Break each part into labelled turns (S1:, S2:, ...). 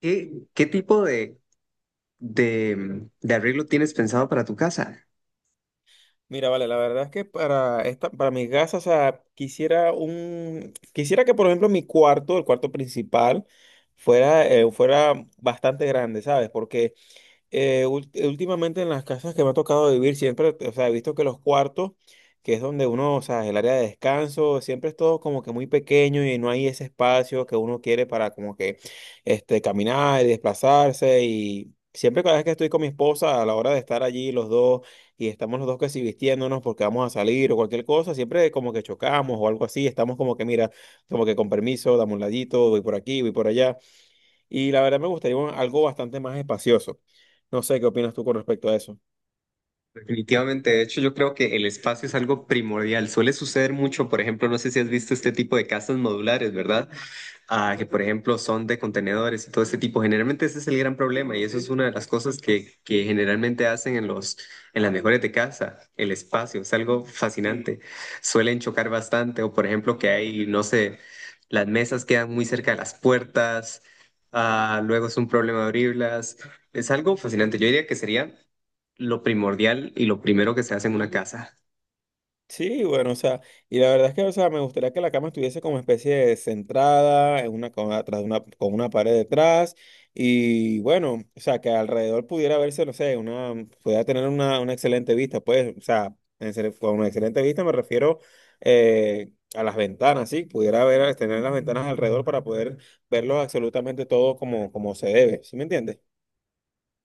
S1: ¿Qué tipo de, de arreglo tienes pensado para tu casa?
S2: Mira, vale, la verdad es que para esta, para mis gastos, o sea, quisiera quisiera que, por ejemplo, mi cuarto, el cuarto principal, fuera, fuera bastante grande, ¿sabes? Porque últimamente en las casas que me ha tocado vivir, siempre, o sea, he visto que los cuartos, que es donde uno, o sea, el área de descanso, siempre es todo como que muy pequeño y no hay ese espacio que uno quiere para como que caminar y desplazarse. Y siempre cada vez que estoy con mi esposa, a la hora de estar allí los dos y estamos los dos que si vistiéndonos porque vamos a salir o cualquier cosa, siempre como que chocamos o algo así, estamos como que, mira, como que con permiso, dame un ladito, voy por aquí, voy por allá. Y la verdad me gustaría algo bastante más espacioso. No sé qué opinas tú con respecto a eso.
S1: Definitivamente, de hecho, yo creo que el espacio es algo primordial. Suele suceder mucho, por ejemplo, no sé si has visto este tipo de casas modulares, ¿verdad? Que por ejemplo son de contenedores y todo ese tipo. Generalmente ese es el gran problema y eso es una de las cosas que generalmente hacen en en las mejores de casa, el espacio, es algo fascinante. Suelen chocar bastante o por ejemplo que hay, no sé, las mesas quedan muy cerca de las puertas, luego es un problema abrirlas. Es algo fascinante. Yo diría que sería lo primordial y lo primero que se hace en una casa.
S2: Sí, bueno, o sea, y la verdad es que, o sea, me gustaría que la cama estuviese como especie de centrada, atrás de una, con una pared detrás, y bueno, o sea, que alrededor pudiera verse, no sé, pudiera tener una excelente vista, pues, o sea, en serio, con una excelente vista me refiero a las ventanas, sí, pudiera ver, tener las ventanas alrededor para poder verlo absolutamente todo como, como se debe, ¿sí me entiendes?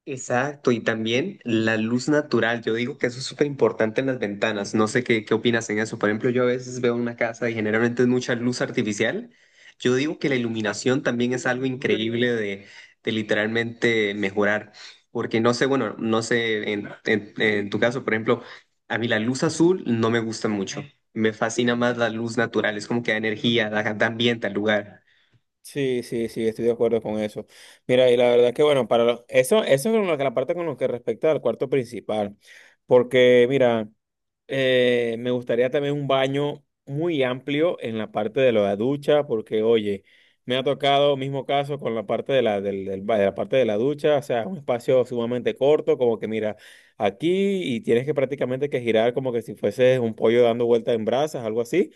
S1: Exacto, y también la luz natural. Yo digo que eso es súper importante en las ventanas. No sé qué opinas en eso. Por ejemplo, yo a veces veo una casa y generalmente es mucha luz artificial. Yo digo que la iluminación también es algo increíble de literalmente mejorar. Porque no sé, bueno, no sé, en tu caso, por ejemplo, a mí la luz azul no me gusta mucho. Me fascina más la luz natural. Es como que da energía, da, da ambiente al lugar.
S2: Sí, sí, sí, estoy de acuerdo con eso. Mira, y la verdad que bueno, para eso, eso es con lo que la parte con lo que respecta al cuarto principal, porque mira, me gustaría también un baño muy amplio en la parte de la ducha, porque oye, me ha tocado mismo caso con la parte de de la parte de la ducha, o sea, un espacio sumamente corto, como que mira, aquí y tienes que prácticamente que girar como que si fueses un pollo dando vueltas en brasas, algo así.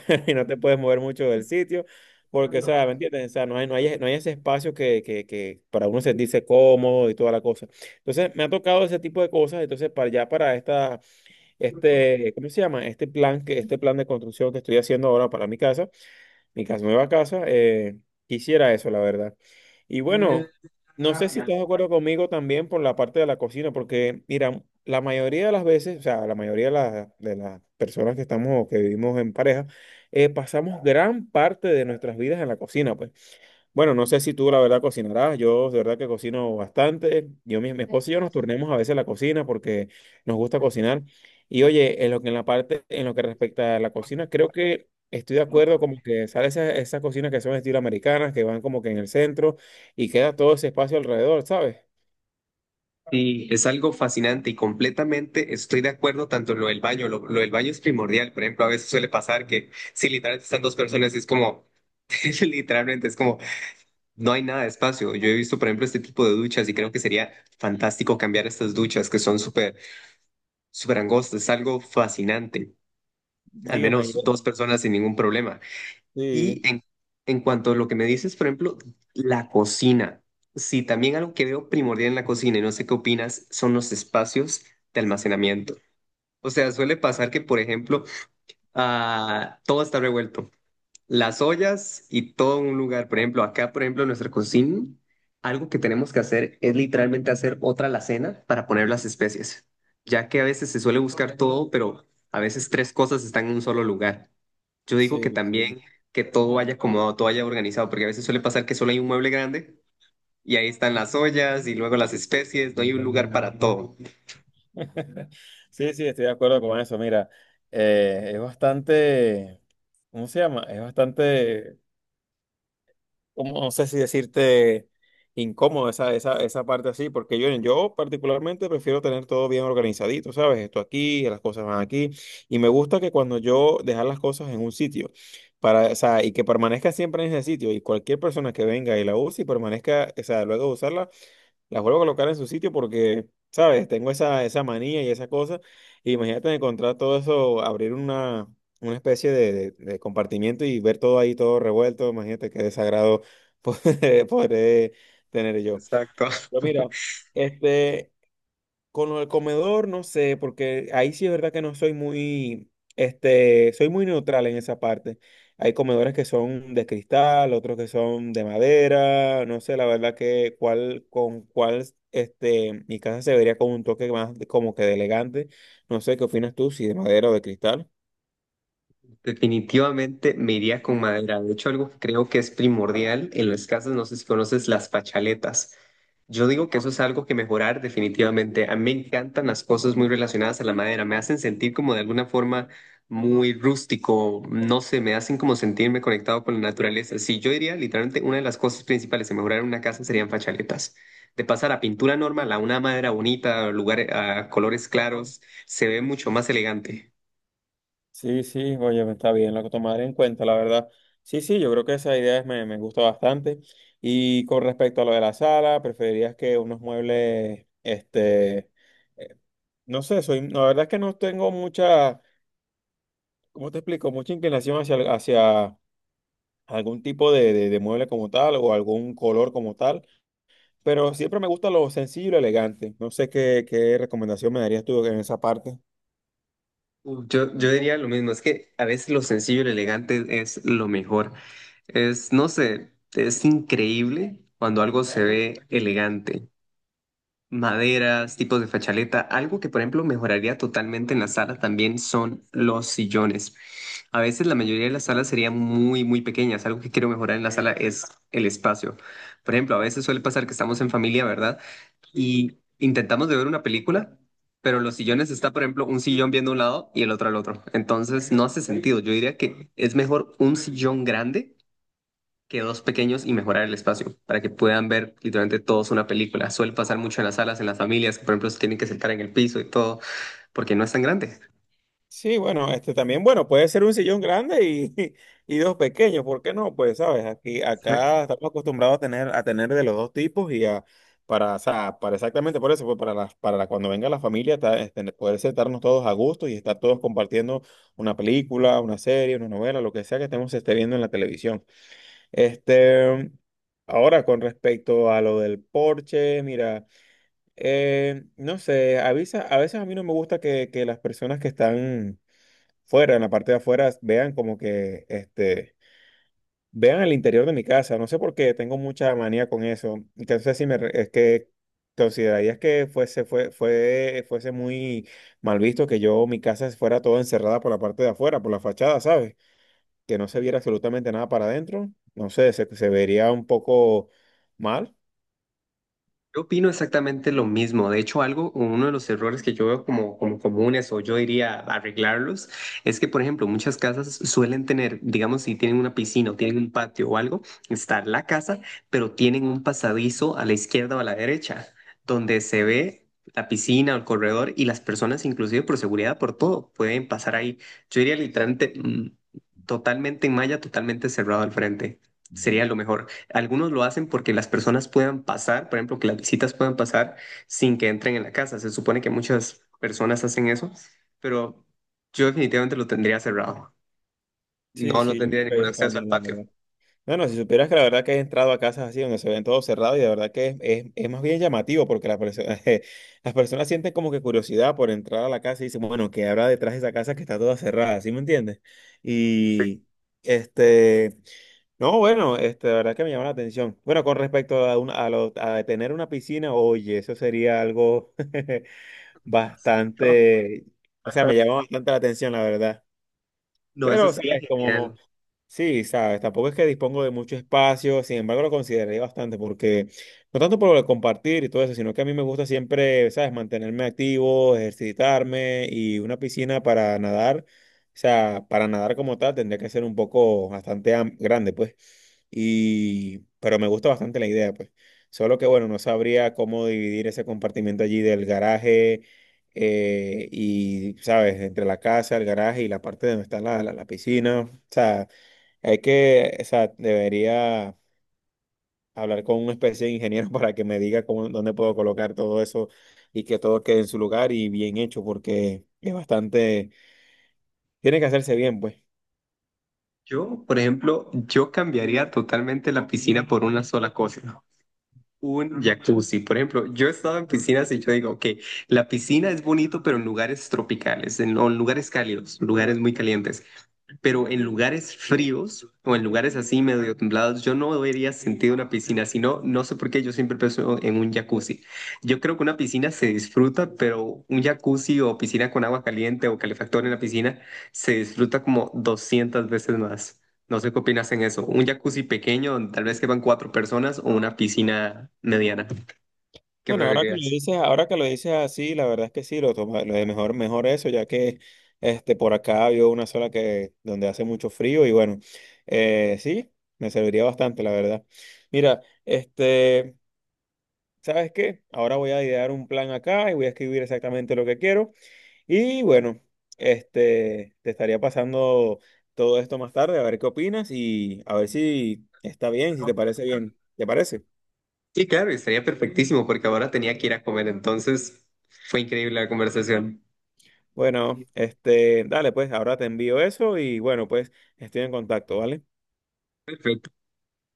S2: Y no te puedes mover mucho del sitio, porque, o sea, ¿me entiendes? O sea, no hay ese espacio que para uno sentirse cómodo y toda la cosa. Entonces, me ha tocado ese tipo de cosas, entonces, para esta, este, ¿cómo se llama? Este plan de construcción que estoy haciendo ahora para mi casa nueva casa, quisiera eso, la verdad. Y bueno, no sé si estás de acuerdo conmigo también por la parte de la cocina, porque mira, la mayoría de las veces, o sea, la mayoría de, la- de las personas que estamos o que vivimos en pareja, pasamos gran parte de nuestras vidas en la cocina, pues. Bueno, no sé si tú la verdad cocinarás, yo de verdad que cocino bastante, mi esposa y yo nos turnemos a veces la cocina porque nos gusta cocinar. Y oye, en la parte, en lo que respecta a la cocina, creo que estoy de acuerdo como que sale esas cocinas que son estilo americanas, que van como que en el centro y queda todo ese espacio alrededor, ¿sabes?
S1: Sí, es algo fascinante y completamente estoy de acuerdo tanto en lo del baño, lo del baño es primordial, por ejemplo, a veces suele pasar que si literalmente están dos personas es como, literalmente es como, no hay nada de espacio. Yo he visto, por ejemplo, este tipo de duchas y creo que sería fantástico cambiar estas duchas que son súper, súper angostas, es algo fascinante, al
S2: Dígame.
S1: menos dos personas sin ningún problema.
S2: Sí,
S1: Y en cuanto a lo que me dices, por ejemplo, la cocina. Sí, también algo que veo primordial en la cocina, y no sé qué opinas, son los espacios de almacenamiento. O sea, suele pasar que, por ejemplo, todo está revuelto las ollas y todo un lugar. Por ejemplo, acá, por ejemplo, en nuestra cocina, algo que tenemos que hacer es literalmente hacer otra alacena para poner las especies, ya que a veces se suele buscar todo, pero a veces tres cosas están en un solo lugar. Yo digo que
S2: sí, sí.
S1: también que todo vaya acomodado, todo vaya organizado, porque a veces suele pasar que solo hay un mueble grande y ahí están las ollas y luego las especies, no hay un lugar para todo.
S2: Sí, sí, estoy de acuerdo con eso. Mira, es bastante, ¿cómo se llama? Es bastante, como, no sé si decirte incómodo esa parte así, porque yo particularmente prefiero tener todo bien organizadito, ¿sabes? Esto aquí, las cosas van aquí, y me gusta que cuando yo dejar las cosas en un sitio, para, o sea, y que permanezca siempre en ese sitio, y cualquier persona que venga y la use y permanezca, o sea, luego de usarla las vuelvo a colocar en su sitio porque, ¿sabes? Tengo esa manía y esa cosa. Y imagínate encontrar todo eso, una especie de compartimiento y ver todo ahí, todo revuelto. Imagínate qué desagrado poder tener yo.
S1: Exacto.
S2: Pero mira, este, con lo del comedor, no sé, porque ahí sí es verdad que no soy muy, este, soy muy neutral en esa parte. Hay comedores que son de cristal, otros que son de madera, no sé, la verdad que cuál, con cuál, este, mi casa se vería con un toque más como que de elegante. No sé, ¿qué opinas tú, si de madera o de cristal?
S1: Definitivamente me iría con madera. De hecho, algo que creo que es primordial en las casas, no sé si conoces las fachaletas. Yo digo que eso es algo que mejorar definitivamente. A mí me encantan las cosas muy relacionadas a la madera. Me hacen sentir como de alguna forma muy rústico. No sé, me hacen como sentirme conectado con la naturaleza. Sí, yo diría literalmente una de las cosas principales en mejorar una casa serían fachaletas. De pasar a pintura normal a una madera bonita, lugar, a colores claros, se ve mucho más elegante.
S2: Sí, sí, oye, está bien, lo que tomaré en cuenta, la verdad. Sí, sí, yo creo que esa idea me gusta bastante. Y con respecto a lo de la sala, preferirías que unos muebles, este, eh, no sé, soy, la verdad es que no tengo mucha, ¿cómo te explico? Mucha inclinación hacia algún tipo de mueble como tal o algún color como tal, pero siempre me gusta lo sencillo y lo elegante. No sé qué, qué recomendación me darías tú en esa parte.
S1: Yo, yo diría lo mismo, es que a veces lo sencillo y lo elegante es lo mejor. Es, no sé, es increíble cuando algo se ve elegante. Maderas, tipos de fachaleta, algo que por ejemplo mejoraría totalmente en la sala también son los sillones. A veces la mayoría de las salas serían muy, muy pequeñas. Algo que quiero mejorar en la sala es el espacio. Por ejemplo, a veces suele pasar que estamos en familia, ¿verdad? Y intentamos de ver una película, pero en los sillones está, por ejemplo, un sillón viendo un lado y el otro al otro. Entonces no hace sentido. Yo diría que es mejor un sillón grande que dos pequeños y mejorar el espacio para que puedan ver literalmente todos una película. Suele pasar mucho en las salas, en las familias, que por ejemplo se tienen que sentar en el piso y todo, porque no es tan grande.
S2: Sí, bueno, este también, bueno, puede ser un sillón grande y, y dos pequeños, ¿por qué no? Pues, sabes, aquí, acá estamos acostumbrados a tener de los dos tipos y a, para, o sea, para exactamente por eso, pues para cuando venga la familia, este, poder sentarnos todos a gusto y estar todos compartiendo una película, una serie, una novela, lo que sea que estemos esté viendo en la televisión. Este, ahora, con respecto a lo del porche, mira, no sé, avisa, a veces a mí no me gusta que las personas que están fuera, en la parte de afuera, vean como que, este, vean el interior de mi casa. No sé por qué, tengo mucha manía con eso. Entonces, si me, es que considerarías que fuese muy mal visto que yo, mi casa fuera toda encerrada por la parte de afuera, por la fachada, ¿sabes? Que no se viera absolutamente nada para adentro. No sé, se vería un poco mal.
S1: Yo opino exactamente lo mismo. De hecho, algo, uno de los errores que yo veo como comunes o yo diría arreglarlos, es que, por ejemplo, muchas casas suelen tener, digamos, si tienen una piscina o tienen un patio o algo, está la casa, pero tienen un pasadizo a la izquierda o a la derecha, donde se ve la piscina o el corredor y las personas, inclusive por seguridad, por todo, pueden pasar ahí. Yo diría literalmente, totalmente en malla, totalmente cerrado al frente. Sería lo mejor. Algunos lo hacen porque las personas puedan pasar, por ejemplo, que las visitas puedan pasar sin que entren en la casa. Se supone que muchas personas hacen eso, pero yo definitivamente lo tendría cerrado.
S2: Sí,
S1: No, no
S2: sí, yo
S1: tendría
S2: creo
S1: ningún
S2: que yo
S1: acceso al
S2: también, la
S1: patio.
S2: verdad. No, no, si supieras que la verdad que he entrado a casas así donde se ven todo cerrado y de verdad que es, es más bien llamativo porque las personas, las personas sienten como que curiosidad por entrar a la casa y dicen, bueno, ¿qué habrá detrás de esa casa que está toda cerrada? ¿Sí me entiendes?
S1: Sí.
S2: Y este, no, bueno, este, la verdad que me llama la atención. Bueno, con respecto a, a tener una piscina, oye, eso sería algo bastante, o sea, me llama bastante la atención, la verdad.
S1: No, eso
S2: Pero,
S1: sería
S2: ¿sabes? Como,
S1: genial.
S2: sí, ¿sabes? Tampoco es que dispongo de mucho espacio, sin embargo lo consideré bastante, porque no tanto por lo de compartir y todo eso, sino que a mí me gusta siempre, ¿sabes? Mantenerme activo, ejercitarme y una piscina para nadar, o sea, para nadar como tal tendría que ser un poco bastante grande, pues. Y, pero me gusta bastante la idea, pues. Solo que, bueno, no sabría cómo dividir ese compartimiento allí del garaje y, ¿sabes? Entre la casa, el garaje y la parte donde está la piscina. O sea, hay que, o sea, debería hablar con una especie de ingeniero para que me diga cómo, dónde puedo colocar todo eso y que todo quede en su lugar y bien hecho, porque es bastante, tiene que hacerse bien, pues.
S1: Yo, por ejemplo, yo cambiaría totalmente la piscina por una sola cosa. Un jacuzzi, por ejemplo, yo he estado en piscinas y yo digo, que la piscina es bonito, pero en lugares tropicales, en, o en lugares cálidos, lugares muy calientes. Pero en lugares fríos o en lugares así medio templados, yo no debería sentir una piscina, sino no sé por qué yo siempre pienso en un jacuzzi. Yo creo que una piscina se disfruta, pero un jacuzzi o piscina con agua caliente o calefactor en la piscina se disfruta como 200 veces más. No sé qué opinas en eso. Un jacuzzi pequeño, donde tal vez quepan cuatro personas, o una piscina mediana. ¿Qué
S2: Bueno, ahora que lo
S1: preferirías?
S2: dices, ahora que lo dices así, la verdad es que sí, lo de mejor, mejor eso, ya que este por acá había una sola que donde hace mucho frío y bueno, sí, me serviría bastante, la verdad. Mira, este, ¿sabes qué? Ahora voy a idear un plan acá y voy a escribir exactamente lo que quiero y bueno, este, te estaría pasando todo esto más tarde a ver qué opinas y a ver si está bien, si te parece bien. ¿Te parece?
S1: Sí, claro, estaría perfectísimo porque ahora tenía que ir a comer, entonces fue increíble la conversación.
S2: Bueno, este, dale, pues ahora te envío eso y bueno, pues estoy en contacto, ¿vale?